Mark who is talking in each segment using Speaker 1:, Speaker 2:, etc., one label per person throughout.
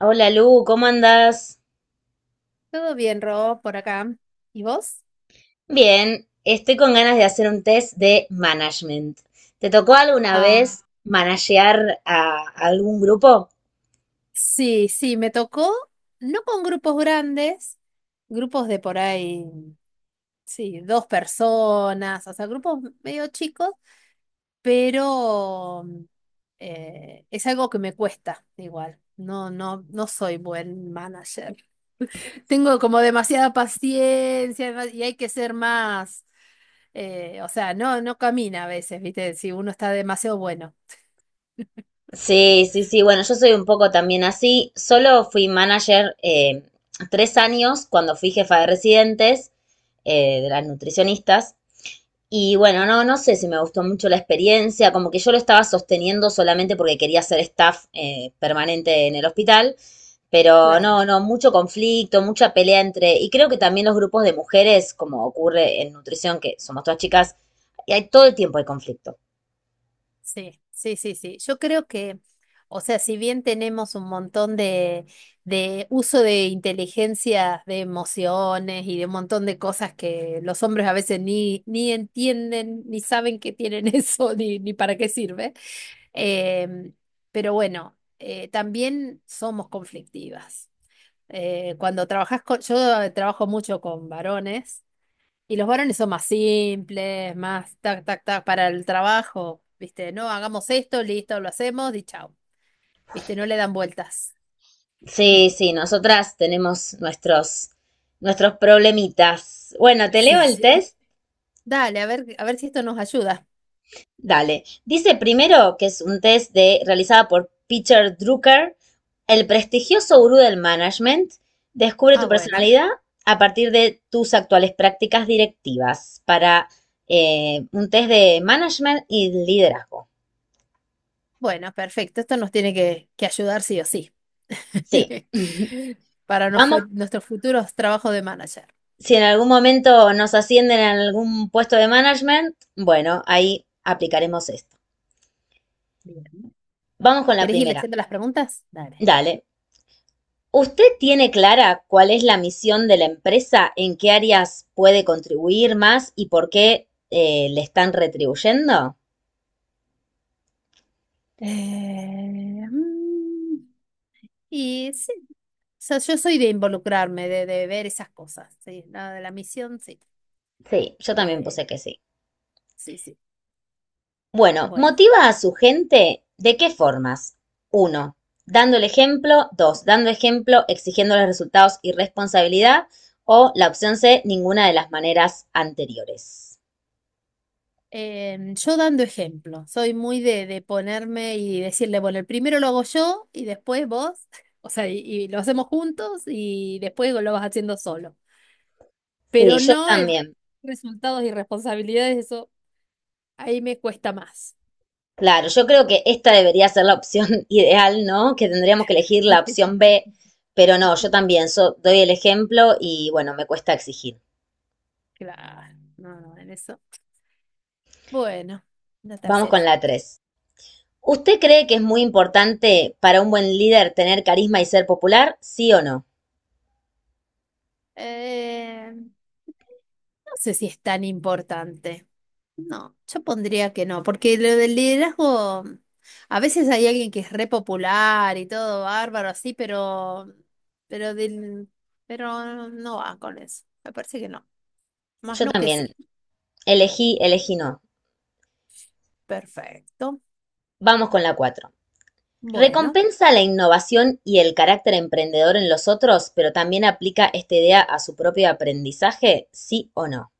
Speaker 1: Hola Lu, ¿cómo andás?
Speaker 2: Todo bien, Rob, por acá. ¿Y vos?
Speaker 1: Bien, estoy con ganas de hacer un test de management. ¿Te tocó alguna
Speaker 2: Ah,
Speaker 1: vez managear a algún grupo?
Speaker 2: Sí, sí, me tocó, no con grupos grandes, grupos de por ahí, sí, dos personas, o sea, grupos medio chicos, pero es algo que me cuesta igual. No, no, no soy buen manager. Tengo como demasiada paciencia, ¿no? Y hay que ser más, o sea, no, no camina a veces, ¿viste? Si uno está demasiado bueno.
Speaker 1: Sí, sí, sí. Bueno, yo soy un poco también así. Solo fui manager 3 años cuando fui jefa de residentes, de las nutricionistas. Y bueno, no, no sé si me gustó mucho la experiencia, como que yo lo estaba sosteniendo solamente porque quería ser staff permanente en el hospital, pero
Speaker 2: Claro.
Speaker 1: no, no, mucho conflicto, mucha pelea entre, y creo que también los grupos de mujeres, como ocurre en nutrición, que somos todas chicas, y hay todo el tiempo hay conflicto.
Speaker 2: Sí, sí, sí, sí. Yo creo que, o sea, si bien tenemos un montón de uso de inteligencias, de emociones y de un montón de cosas que los hombres a veces ni entienden, ni saben que tienen eso, ni para qué sirve. eh, pero bueno, también somos conflictivas. Cuando trabajas con, yo trabajo mucho con varones. Y los varones son más simples, más tac, tac, tac para el trabajo, ¿viste? No, hagamos esto, listo, lo hacemos y chao. ¿Viste? No le dan vueltas.
Speaker 1: Sí, sí, nosotras tenemos nuestros problemitas. Bueno, ¿te
Speaker 2: Sí,
Speaker 1: leo el
Speaker 2: sí.
Speaker 1: test?
Speaker 2: Dale, a ver si esto nos ayuda.
Speaker 1: Dale. Dice primero que es un test de, realizada por Peter Drucker, el prestigioso gurú del management. Descubre
Speaker 2: Ah,
Speaker 1: tu
Speaker 2: bueno.
Speaker 1: personalidad a partir de tus actuales prácticas directivas para un test de management y liderazgo.
Speaker 2: Bueno, perfecto. Esto nos tiene que ayudar sí o sí.
Speaker 1: Sí.
Speaker 2: Para nos fue,
Speaker 1: Vamos,
Speaker 2: nuestros futuros trabajos de manager.
Speaker 1: si en algún momento nos ascienden a algún puesto de management, bueno, ahí aplicaremos esto.
Speaker 2: Bien.
Speaker 1: Vamos con la
Speaker 2: ¿Querés ir
Speaker 1: primera.
Speaker 2: leyendo las preguntas? Dale.
Speaker 1: Dale. ¿Usted tiene clara cuál es la misión de la empresa, en qué áreas puede contribuir más y por qué le están retribuyendo?
Speaker 2: Eh, mm, Y sí. Sea, yo soy de involucrarme, de ver esas cosas, sí, la de la misión, sí.
Speaker 1: Sí, yo también
Speaker 2: Eh,
Speaker 1: puse que sí.
Speaker 2: sí, sí.
Speaker 1: Bueno,
Speaker 2: Bueno,
Speaker 1: motiva a su gente de qué formas. Uno, dando el ejemplo. Dos, dando ejemplo, exigiendo los resultados y responsabilidad. O la opción C, ninguna de las maneras anteriores.
Speaker 2: yo dando ejemplo, soy muy de ponerme y decirle, bueno, el primero lo hago yo y después vos, o sea, y lo hacemos juntos y después lo vas haciendo solo.
Speaker 1: Sí,
Speaker 2: Pero
Speaker 1: yo
Speaker 2: no el de
Speaker 1: también.
Speaker 2: resultados y responsabilidades, eso ahí me cuesta más.
Speaker 1: Claro, yo creo que esta debería ser la opción ideal, ¿no? Que tendríamos que elegir la opción B, pero no, yo
Speaker 2: Sí.
Speaker 1: también doy el ejemplo y bueno, me cuesta exigir.
Speaker 2: Claro, no, no, en eso. Bueno, la
Speaker 1: Vamos
Speaker 2: tercera.
Speaker 1: con la 3. ¿Usted cree que es muy importante para un buen líder tener carisma y ser popular? ¿Sí o no?
Speaker 2: No sé si es tan importante. No, yo pondría que no, porque lo del liderazgo, a veces hay alguien que es re popular y todo bárbaro así, pero del, pero no va con eso. Me parece que no. Más
Speaker 1: Yo
Speaker 2: no que
Speaker 1: también
Speaker 2: sí.
Speaker 1: elegí no.
Speaker 2: Perfecto.
Speaker 1: Vamos con la 4.
Speaker 2: Bueno.
Speaker 1: Recompensa la innovación y el carácter emprendedor en los otros, pero también aplica esta idea a su propio aprendizaje, ¿sí o no?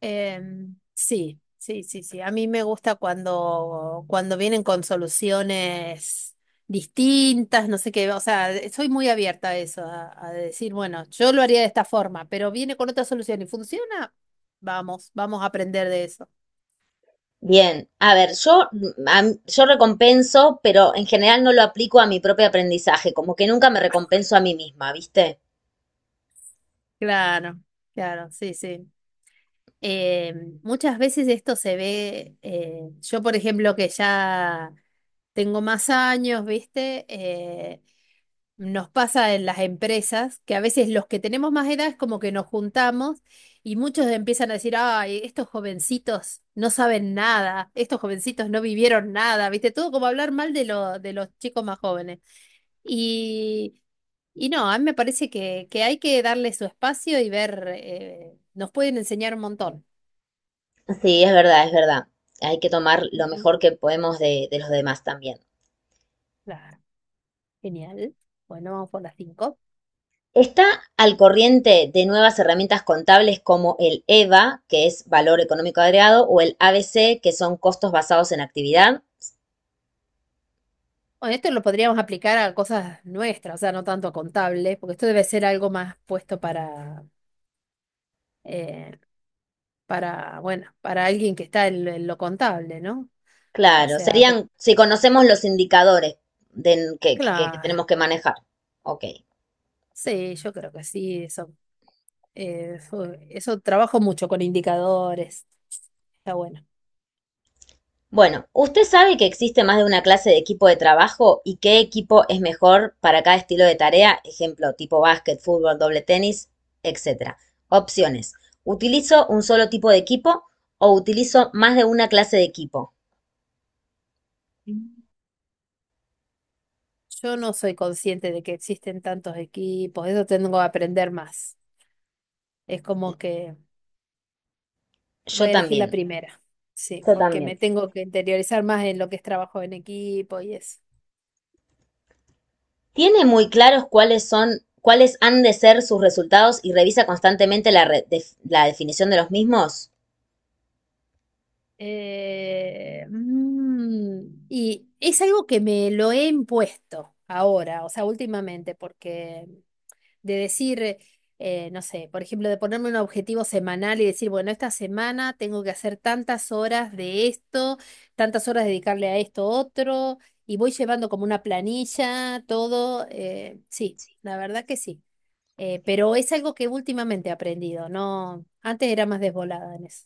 Speaker 2: Sí, sí, sí, sí. A mí me gusta cuando, cuando vienen con soluciones distintas, no sé qué, o sea, soy muy abierta a eso, a decir, bueno, yo lo haría de esta forma, pero viene con otra solución y funciona, vamos, vamos a aprender de eso.
Speaker 1: Bien, a ver, yo, yo recompenso, pero en general no lo aplico a mi propio aprendizaje, como que nunca me recompenso a mí misma, ¿viste?
Speaker 2: Claro, claro, sí, sí. Muchas veces esto se ve, yo por ejemplo que ya tengo más años, ¿viste? Nos pasa en las empresas que a veces los que tenemos más edad es como que nos juntamos y muchos empiezan a decir, ay, estos jovencitos no saben nada, estos jovencitos no vivieron nada, ¿viste? Todo como hablar mal de, lo- de los chicos más jóvenes. Y, y no, a mí me parece que hay que darle su espacio y ver, nos pueden enseñar un montón.
Speaker 1: Sí, es verdad, es verdad. Hay que tomar lo
Speaker 2: Ujú,
Speaker 1: mejor que podemos de los demás también.
Speaker 2: claro, genial. Bueno, vamos por las cinco.
Speaker 1: Está al corriente de nuevas herramientas contables como el EVA, que es valor económico agregado, o el ABC, que son costos basados en actividad.
Speaker 2: Bueno, esto lo podríamos aplicar a cosas nuestras, o sea, no tanto a contables, porque esto debe ser algo más puesto eh, para, bueno, para alguien que está en lo contable, ¿no? O
Speaker 1: Claro,
Speaker 2: sea, pe-
Speaker 1: serían si conocemos los indicadores de, que
Speaker 2: claro,
Speaker 1: tenemos que manejar. Ok.
Speaker 2: sí, yo creo que sí, eso, eso, eso trabajo mucho con indicadores, está bueno.
Speaker 1: Bueno, ¿usted sabe que existe más de una clase de equipo de trabajo y qué equipo es mejor para cada estilo de tarea? Ejemplo, tipo básquet, fútbol, doble tenis, etcétera. Opciones. ¿Utilizo un solo tipo de equipo o utilizo más de una clase de equipo?
Speaker 2: Mm. Yo no soy consciente de que existen tantos equipos, eso tengo que aprender más. Es como que voy
Speaker 1: Yo
Speaker 2: a elegir la
Speaker 1: también.
Speaker 2: primera, sí,
Speaker 1: Yo
Speaker 2: porque me
Speaker 1: también.
Speaker 2: tengo que interiorizar más en lo que es trabajo en equipo y eso.
Speaker 1: ¿Tiene muy claros cuáles son, cuáles han de ser sus resultados y revisa constantemente la, la definición de los mismos?
Speaker 2: Y es algo que me lo he impuesto ahora, o sea, últimamente, porque de decir, no sé, por ejemplo, de ponerme un objetivo semanal y decir, bueno, esta semana tengo que hacer tantas horas de esto, tantas horas dedicarle a esto otro, y voy llevando como una planilla, todo, sí, la verdad que sí. Pero es algo que últimamente he aprendido, no, antes era más desvolada en eso.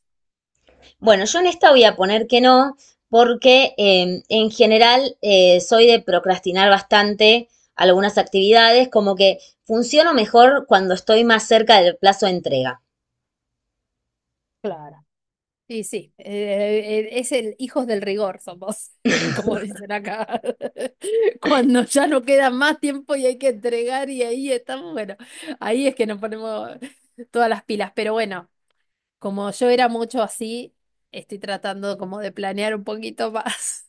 Speaker 1: Bueno, yo en esta voy a poner que no, porque en general soy de procrastinar bastante algunas actividades, como que funciono mejor cuando estoy más cerca del plazo de entrega.
Speaker 2: Claro. Y sí, es el hijos del rigor somos, como dicen acá. Cuando ya no queda más tiempo y hay que entregar y ahí estamos, bueno, ahí es que nos ponemos todas las pilas. Pero bueno, como yo era mucho así, estoy tratando como de planear un poquito más.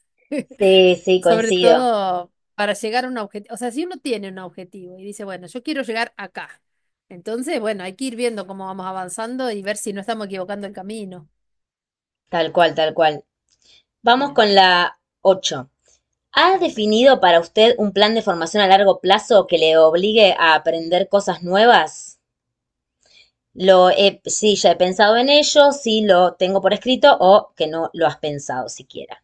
Speaker 1: Sí, sí,
Speaker 2: Sobre
Speaker 1: coincido.
Speaker 2: todo para llegar a un objetivo. O sea, si uno tiene un objetivo y dice, bueno, yo quiero llegar acá. Entonces, bueno, hay que ir viendo cómo vamos avanzando y ver si no estamos equivocando el camino.
Speaker 1: Tal cual, tal cual. Vamos
Speaker 2: Bien.
Speaker 1: con la 8. ¿Ha
Speaker 2: Perfecto.
Speaker 1: definido para usted un plan de formación a largo plazo que le obligue a aprender cosas nuevas? Lo he, sí, ya he pensado en ello, sí lo tengo por escrito o que no lo has pensado siquiera.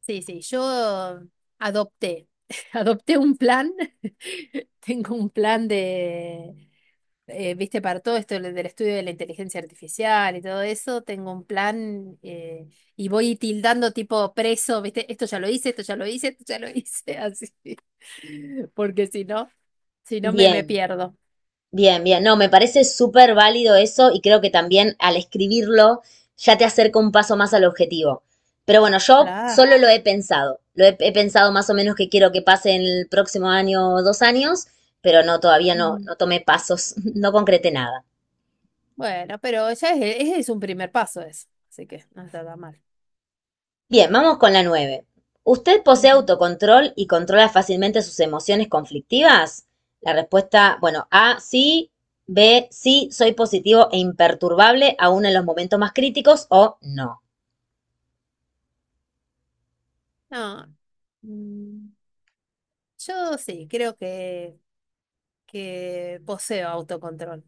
Speaker 2: Sí, sí, yo adopté, adopté un plan, tengo un plan de, viste, para todo esto del del estudio de la inteligencia artificial y todo eso, tengo un plan, y voy tildando tipo preso, viste, esto ya lo hice, esto ya lo hice, esto ya lo hice, así, porque si no, si no me, me
Speaker 1: Bien,
Speaker 2: pierdo.
Speaker 1: bien, bien. No, me parece súper válido eso y creo que también al escribirlo ya te acerca un paso más al objetivo. Pero bueno, yo
Speaker 2: La,
Speaker 1: solo lo he pensado. He pensado más o menos que quiero que pase en el próximo año o 2 años, pero no, todavía no,
Speaker 2: ujú.
Speaker 1: no tomé pasos, no concreté nada.
Speaker 2: Bueno, pero ya es un primer paso eso, así que no está tan mal.
Speaker 1: Bien, vamos con la nueve. ¿Usted posee
Speaker 2: Ujú.
Speaker 1: autocontrol y controla fácilmente sus emociones conflictivas? La respuesta, bueno, A, sí. B, sí, soy positivo e imperturbable aún en los momentos más críticos o no.
Speaker 2: No. Mm. Yo sí, creo que poseo autocontrol.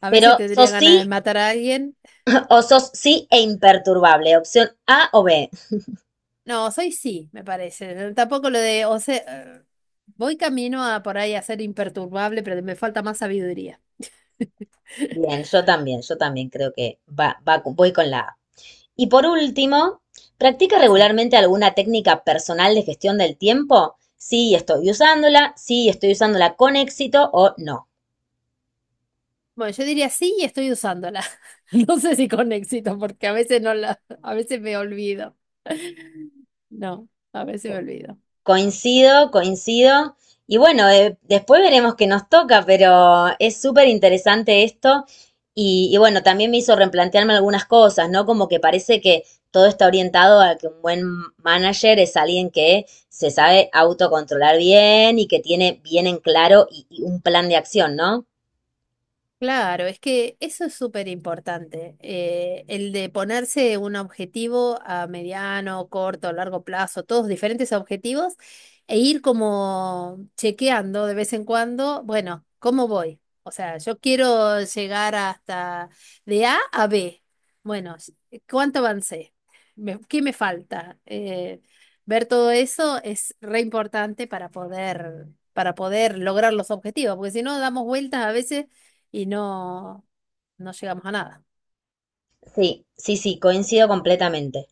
Speaker 2: A veces
Speaker 1: Pero
Speaker 2: tendría
Speaker 1: sos
Speaker 2: ganas de
Speaker 1: sí
Speaker 2: matar a alguien.
Speaker 1: o sos sí e imperturbable. Opción A o B.
Speaker 2: No, soy sí, me parece. Tampoco lo de, o sea, eh, voy camino a por ahí a ser imperturbable, pero me falta más sabiduría.
Speaker 1: Bien, yo también creo que voy con la A. Y por último, ¿practica
Speaker 2: Sí.
Speaker 1: regularmente alguna técnica personal de gestión del tiempo? Sí, estoy usándola con éxito o no.
Speaker 2: Bueno, yo diría sí y estoy usándola. No sé si con éxito, porque a veces no la, a veces me olvido. No, a veces me olvido.
Speaker 1: Coincido, coincido. Y bueno, después veremos qué nos toca, pero es súper interesante esto. Y bueno, también me hizo replantearme algunas cosas, ¿no? Como que parece que todo está orientado a que un buen manager es alguien que se sabe autocontrolar bien y que tiene bien en claro y un plan de acción, ¿no?
Speaker 2: Claro, es que eso es súper importante, el de ponerse un objetivo a mediano, corto, largo plazo, todos diferentes objetivos, e ir como chequeando de vez en cuando, bueno, ¿cómo voy? O sea, yo quiero llegar hasta de A a B. Bueno, ¿cuánto avancé? Me- ¿qué me falta? Ver todo eso es re importante para poder lograr los objetivos, porque si no, damos vueltas a veces y no, no llegamos a nada.
Speaker 1: Sí, sí, sí, coincido completamente.